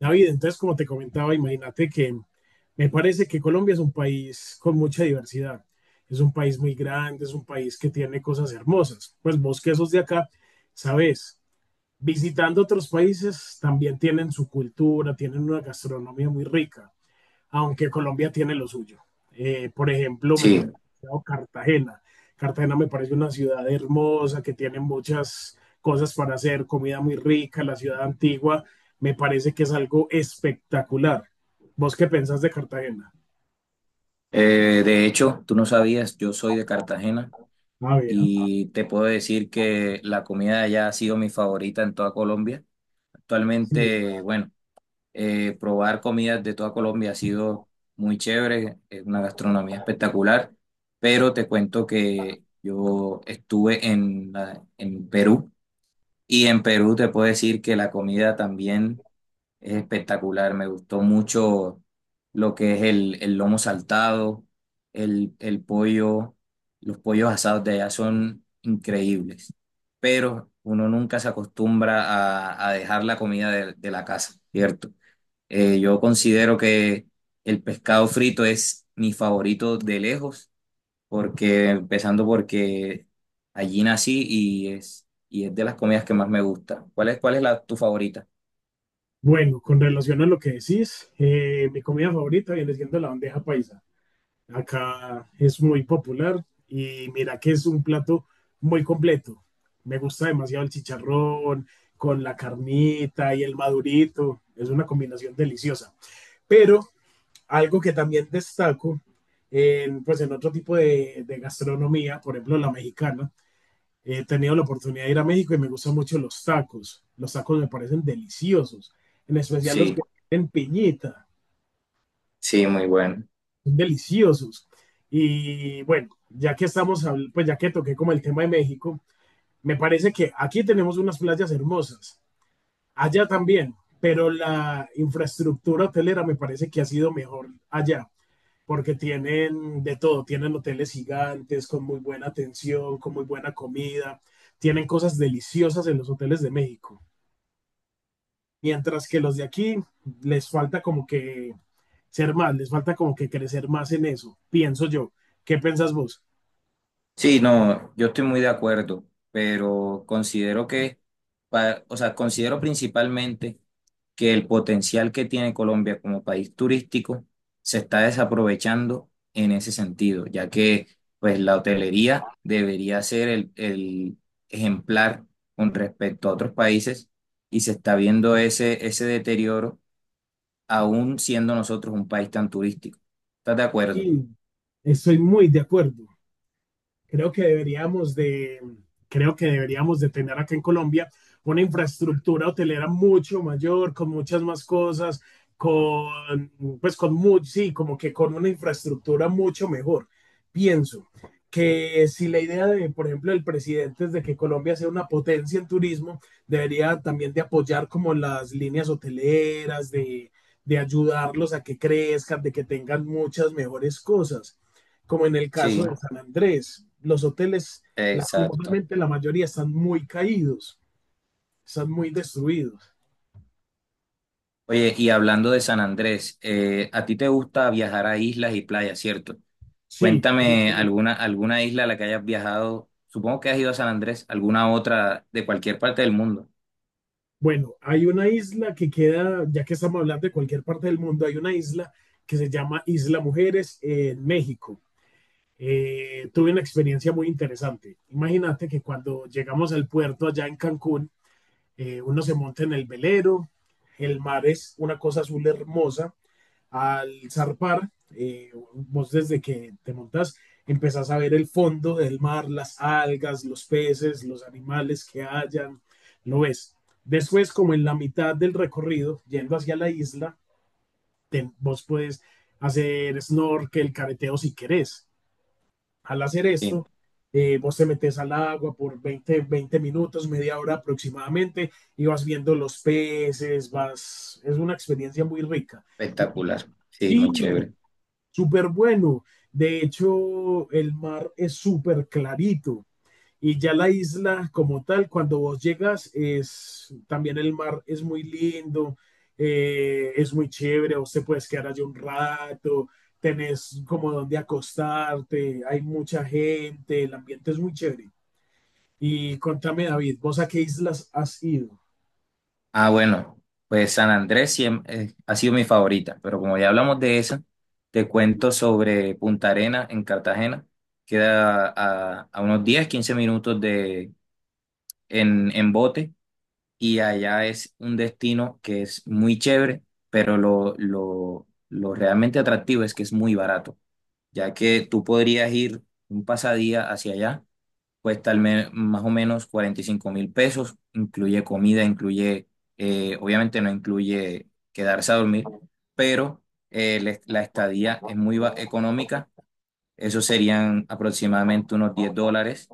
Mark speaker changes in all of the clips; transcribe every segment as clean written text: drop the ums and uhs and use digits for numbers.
Speaker 1: David, entonces, como te comentaba, imagínate que me parece que Colombia es un país con mucha diversidad. Es un país muy grande, es un país que tiene cosas hermosas. Pues vos que sos de acá, sabes, visitando otros países también tienen su cultura, tienen una gastronomía muy rica aunque Colombia tiene lo suyo. Por ejemplo, me
Speaker 2: Sí,
Speaker 1: gusta Cartagena. Cartagena me parece una ciudad hermosa que tiene muchas cosas para hacer, comida muy rica, la ciudad antigua, me parece que es algo espectacular. ¿Vos qué pensás de Cartagena?
Speaker 2: de hecho, tú no sabías, yo soy de Cartagena
Speaker 1: Ah, bien.
Speaker 2: y te puedo decir que la comida de allá ha sido mi favorita en toda Colombia.
Speaker 1: Sí.
Speaker 2: Actualmente, bueno, probar comidas de toda Colombia ha sido muy chévere, es una gastronomía espectacular, pero te cuento que yo estuve en Perú y en Perú te puedo decir que la comida también es espectacular, me gustó mucho lo que es el lomo saltado, el pollo, los pollos asados de allá son increíbles, pero uno nunca se acostumbra a dejar la comida de la casa, ¿cierto? Yo considero que el pescado frito es mi favorito de lejos, porque empezando porque allí nací y es de las comidas que más me gusta. ¿Cuál es tu favorita?
Speaker 1: Bueno, con relación a lo que decís, mi comida favorita viene siendo la bandeja paisa. Acá es muy popular y mira que es un plato muy completo. Me gusta demasiado el chicharrón con la carnita y el madurito. Es una combinación deliciosa. Pero algo que también destaco pues en otro tipo de gastronomía, por ejemplo la mexicana, he tenido la oportunidad de ir a México y me gustan mucho los tacos. Los tacos me parecen deliciosos, en especial los
Speaker 2: Sí,
Speaker 1: que tienen piñita.
Speaker 2: sí, muy bueno.
Speaker 1: son deliciosos. Y bueno, ya que estamos, pues ya que toqué como el tema de México, me parece que aquí tenemos unas playas hermosas, allá también, pero la infraestructura hotelera me parece que ha sido mejor allá, porque tienen de todo, tienen hoteles gigantes con muy buena atención, con muy buena comida, tienen cosas deliciosas en los hoteles de México. Mientras que los de aquí les falta como que ser más, les falta como que crecer más en eso, pienso yo. ¿Qué piensas vos?
Speaker 2: Sí, no, yo estoy muy de acuerdo, pero considero que, o sea, considero principalmente que el potencial que tiene Colombia como país turístico se está desaprovechando en ese sentido, ya que pues la hotelería debería ser el ejemplar con respecto a otros países y se está viendo ese deterioro aún siendo nosotros un país tan turístico. ¿Estás de acuerdo?
Speaker 1: Y estoy muy de acuerdo. creo que deberíamos de, Creo que deberíamos de tener acá en Colombia una infraestructura hotelera mucho mayor, con muchas más cosas, con, pues con mucho, sí, como que con una infraestructura mucho mejor. Pienso que si la idea de, por ejemplo, el presidente es de que Colombia sea una potencia en turismo, debería también de apoyar como las líneas hoteleras, de ayudarlos a que crezcan, de que tengan muchas mejores cosas como en el caso
Speaker 2: Sí,
Speaker 1: de San Andrés. Los hoteles,
Speaker 2: exacto.
Speaker 1: lastimosamente, la mayoría están muy caídos, están muy destruidos.
Speaker 2: Oye, y hablando de San Andrés, a ti te gusta viajar a islas y playas, ¿cierto?
Speaker 1: Sí, me gusta
Speaker 2: Cuéntame
Speaker 1: mucho.
Speaker 2: alguna isla a la que hayas viajado. Supongo que has ido a San Andrés, alguna otra de cualquier parte del mundo.
Speaker 1: Bueno, hay una isla que queda, ya que estamos hablando de cualquier parte del mundo, hay una isla que se llama Isla Mujeres en México. Tuve una experiencia muy interesante. Imagínate que cuando llegamos al puerto allá en Cancún, uno se monta en el velero, el mar es una cosa azul hermosa, al zarpar, vos desde que te montás, empezás a ver el fondo del mar, las algas, los peces, los animales que hayan, lo ves. Después, como en la mitad del recorrido, yendo hacia la isla, vos puedes hacer snorkel, careteo si querés. Al hacer
Speaker 2: Sí,
Speaker 1: esto, vos te metes al agua por veinte minutos, media hora aproximadamente, y vas viendo los peces, vas, es una experiencia muy rica. Y
Speaker 2: espectacular. Sí,
Speaker 1: sí,
Speaker 2: muy chévere.
Speaker 1: súper bueno. De hecho, el mar es súper clarito. Y ya la isla como tal, cuando vos llegas, es también el mar es muy lindo, es muy chévere, vos te puedes quedar allí un rato, tenés como donde acostarte, hay mucha gente, el ambiente es muy chévere. Y contame, David, ¿vos a qué islas has ido?
Speaker 2: Ah, bueno, pues ha sido mi favorita, pero como ya hablamos de esa, te cuento sobre Punta Arena en Cartagena. Queda a unos 10, 15 minutos de, en bote y allá es un destino que es muy chévere, pero lo realmente atractivo es que es muy barato, ya que tú podrías ir un pasadía hacia allá, más o menos 45.000 pesos, incluye comida, incluye, obviamente no incluye quedarse a dormir, pero la estadía es económica, eso serían aproximadamente unos 10 dólares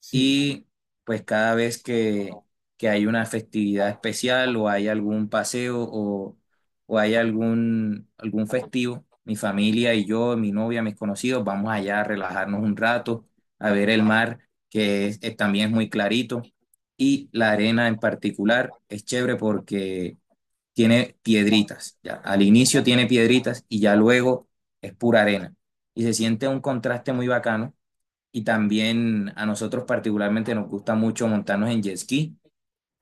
Speaker 1: Sí.
Speaker 2: y pues cada vez que hay una festividad especial o hay algún paseo o hay algún festivo, mi familia y yo, mi novia, mis conocidos, vamos allá a relajarnos un rato, a ver el mar, que también es muy clarito, y la arena en particular es chévere porque tiene piedritas, ya. Al inicio tiene piedritas y ya luego es pura arena. Y se siente un contraste muy bacano y también a nosotros particularmente nos gusta mucho montarnos en jet ski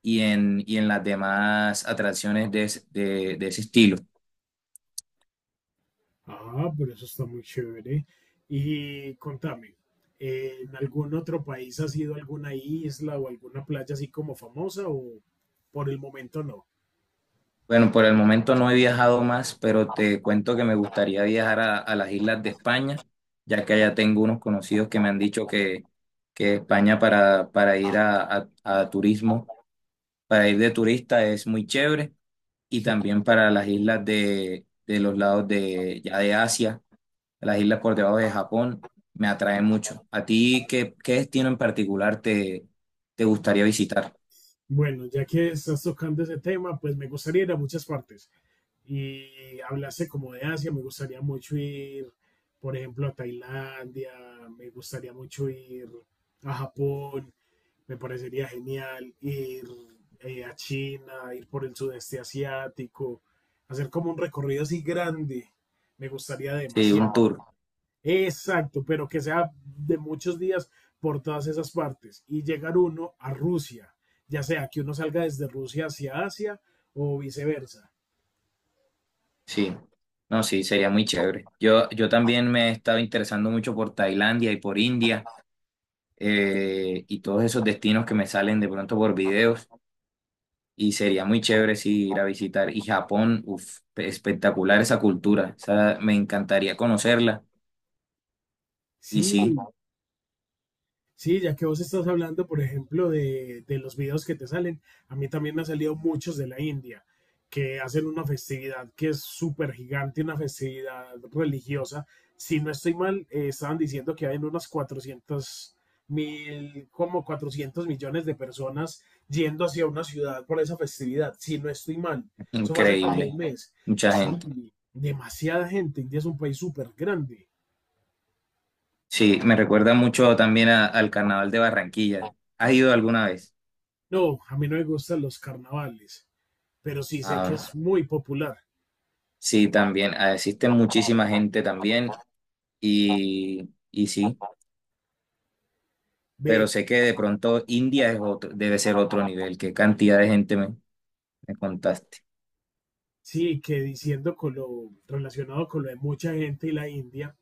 Speaker 2: y en las demás atracciones de ese estilo.
Speaker 1: Ah, pero eso está muy chévere. Y contame, ¿en algún otro país has ido a alguna isla o alguna playa así como famosa o por el momento no?
Speaker 2: Bueno, por el momento no he viajado más, pero te cuento que me gustaría viajar a las islas de España, ya que allá tengo unos conocidos que me han dicho que España para ir a turismo, para ir de turista es muy chévere, y
Speaker 1: Sí.
Speaker 2: también para las islas de los lados de, ya de Asia. Las islas por debajo de Japón me atraen mucho. ¿A ti qué destino en particular te gustaría visitar?
Speaker 1: Bueno, ya que estás tocando ese tema, pues me gustaría ir a muchas partes. Y hablaste como de Asia, me gustaría mucho ir, por ejemplo, a Tailandia, me gustaría mucho ir a Japón. Me parecería genial ir a China, ir por el sudeste asiático, hacer como un recorrido así grande. Me gustaría
Speaker 2: Sí, un
Speaker 1: demasiado.
Speaker 2: tour.
Speaker 1: Exacto, pero que sea de muchos días por todas esas partes y llegar uno a Rusia, ya sea que uno salga desde Rusia hacia Asia o viceversa.
Speaker 2: Sí. No, sí, sería muy chévere. Yo también me he estado interesando mucho por Tailandia y por India y todos esos destinos que me salen de pronto por videos y sería muy chévere sí, ir a visitar. Y Japón, uf, espectacular esa cultura. Esa, me encantaría conocerla y
Speaker 1: Sí,
Speaker 2: sí,
Speaker 1: sí, ya que vos estás hablando, por ejemplo, de los videos que te salen, a mí también me han salido muchos de la India, que hacen una festividad que es súper gigante, una festividad religiosa. Si no estoy mal, estaban diciendo que hay unas 400.000, como 400 millones de personas yendo hacia una ciudad por esa festividad. Si no estoy mal, eso fue hace como un
Speaker 2: increíble.
Speaker 1: mes.
Speaker 2: Mucha gente.
Speaker 1: Sí, demasiada gente. India es un país súper grande.
Speaker 2: Sí, me recuerda mucho al Carnaval de Barranquilla. ¿Has ido alguna vez?
Speaker 1: No, a mí no me gustan los carnavales. Pero sí sé que
Speaker 2: Ah,
Speaker 1: es muy popular.
Speaker 2: sí, también. Ah, existe muchísima gente también y sí, pero
Speaker 1: Ve,
Speaker 2: sé que de pronto India es otro, debe ser otro nivel. ¿Qué cantidad de gente me contaste?
Speaker 1: sí, que diciendo con lo relacionado con lo de mucha gente y la India,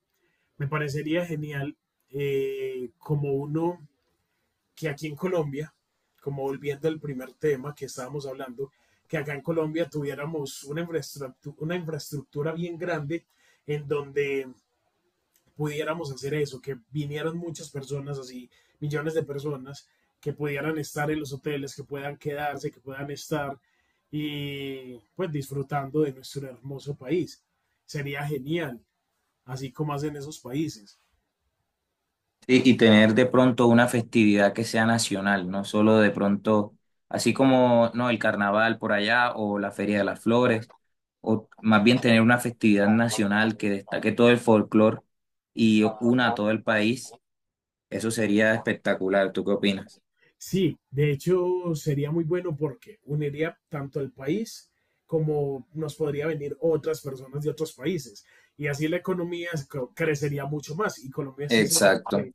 Speaker 1: me parecería genial como uno que aquí en Colombia, como volviendo al primer tema que estábamos hablando, que acá en Colombia tuviéramos una infraestructura bien grande en donde pudiéramos hacer eso, que vinieran muchas personas así, millones de personas, que pudieran estar en los hoteles, que puedan quedarse, que puedan estar y pues disfrutando de nuestro hermoso país. Sería genial, así como hacen esos países.
Speaker 2: Sí, y tener de pronto una festividad que sea nacional, no solo de pronto, así como no el carnaval por allá o la Feria de las Flores, o más bien tener una festividad nacional que destaque todo el folclore y una a todo el país, eso sería espectacular. ¿Tú qué opinas?
Speaker 1: Sí, de hecho sería muy bueno porque uniría tanto al país como nos podría venir otras personas de otros países. Y así la economía es- crecería mucho más y Colombia sí se,
Speaker 2: Exacto,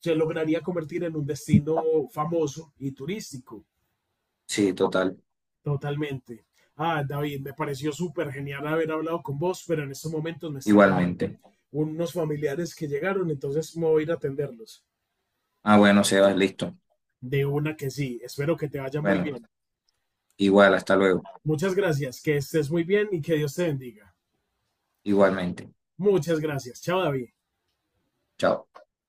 Speaker 1: se lograría convertir en un destino famoso y turístico.
Speaker 2: sí, total,
Speaker 1: Totalmente. Ah, David, me pareció súper genial haber hablado con vos, pero en estos momentos me están llamando
Speaker 2: igualmente.
Speaker 1: unos familiares que llegaron, entonces me voy a ir a atenderlos.
Speaker 2: Ah, bueno, Sebas, listo.
Speaker 1: De una que sí, espero que te vaya muy
Speaker 2: Bueno,
Speaker 1: bien.
Speaker 2: igual, hasta luego,
Speaker 1: Muchas gracias, que estés muy bien y que Dios te bendiga.
Speaker 2: igualmente.
Speaker 1: Muchas gracias. Chao, David.
Speaker 2: Chao.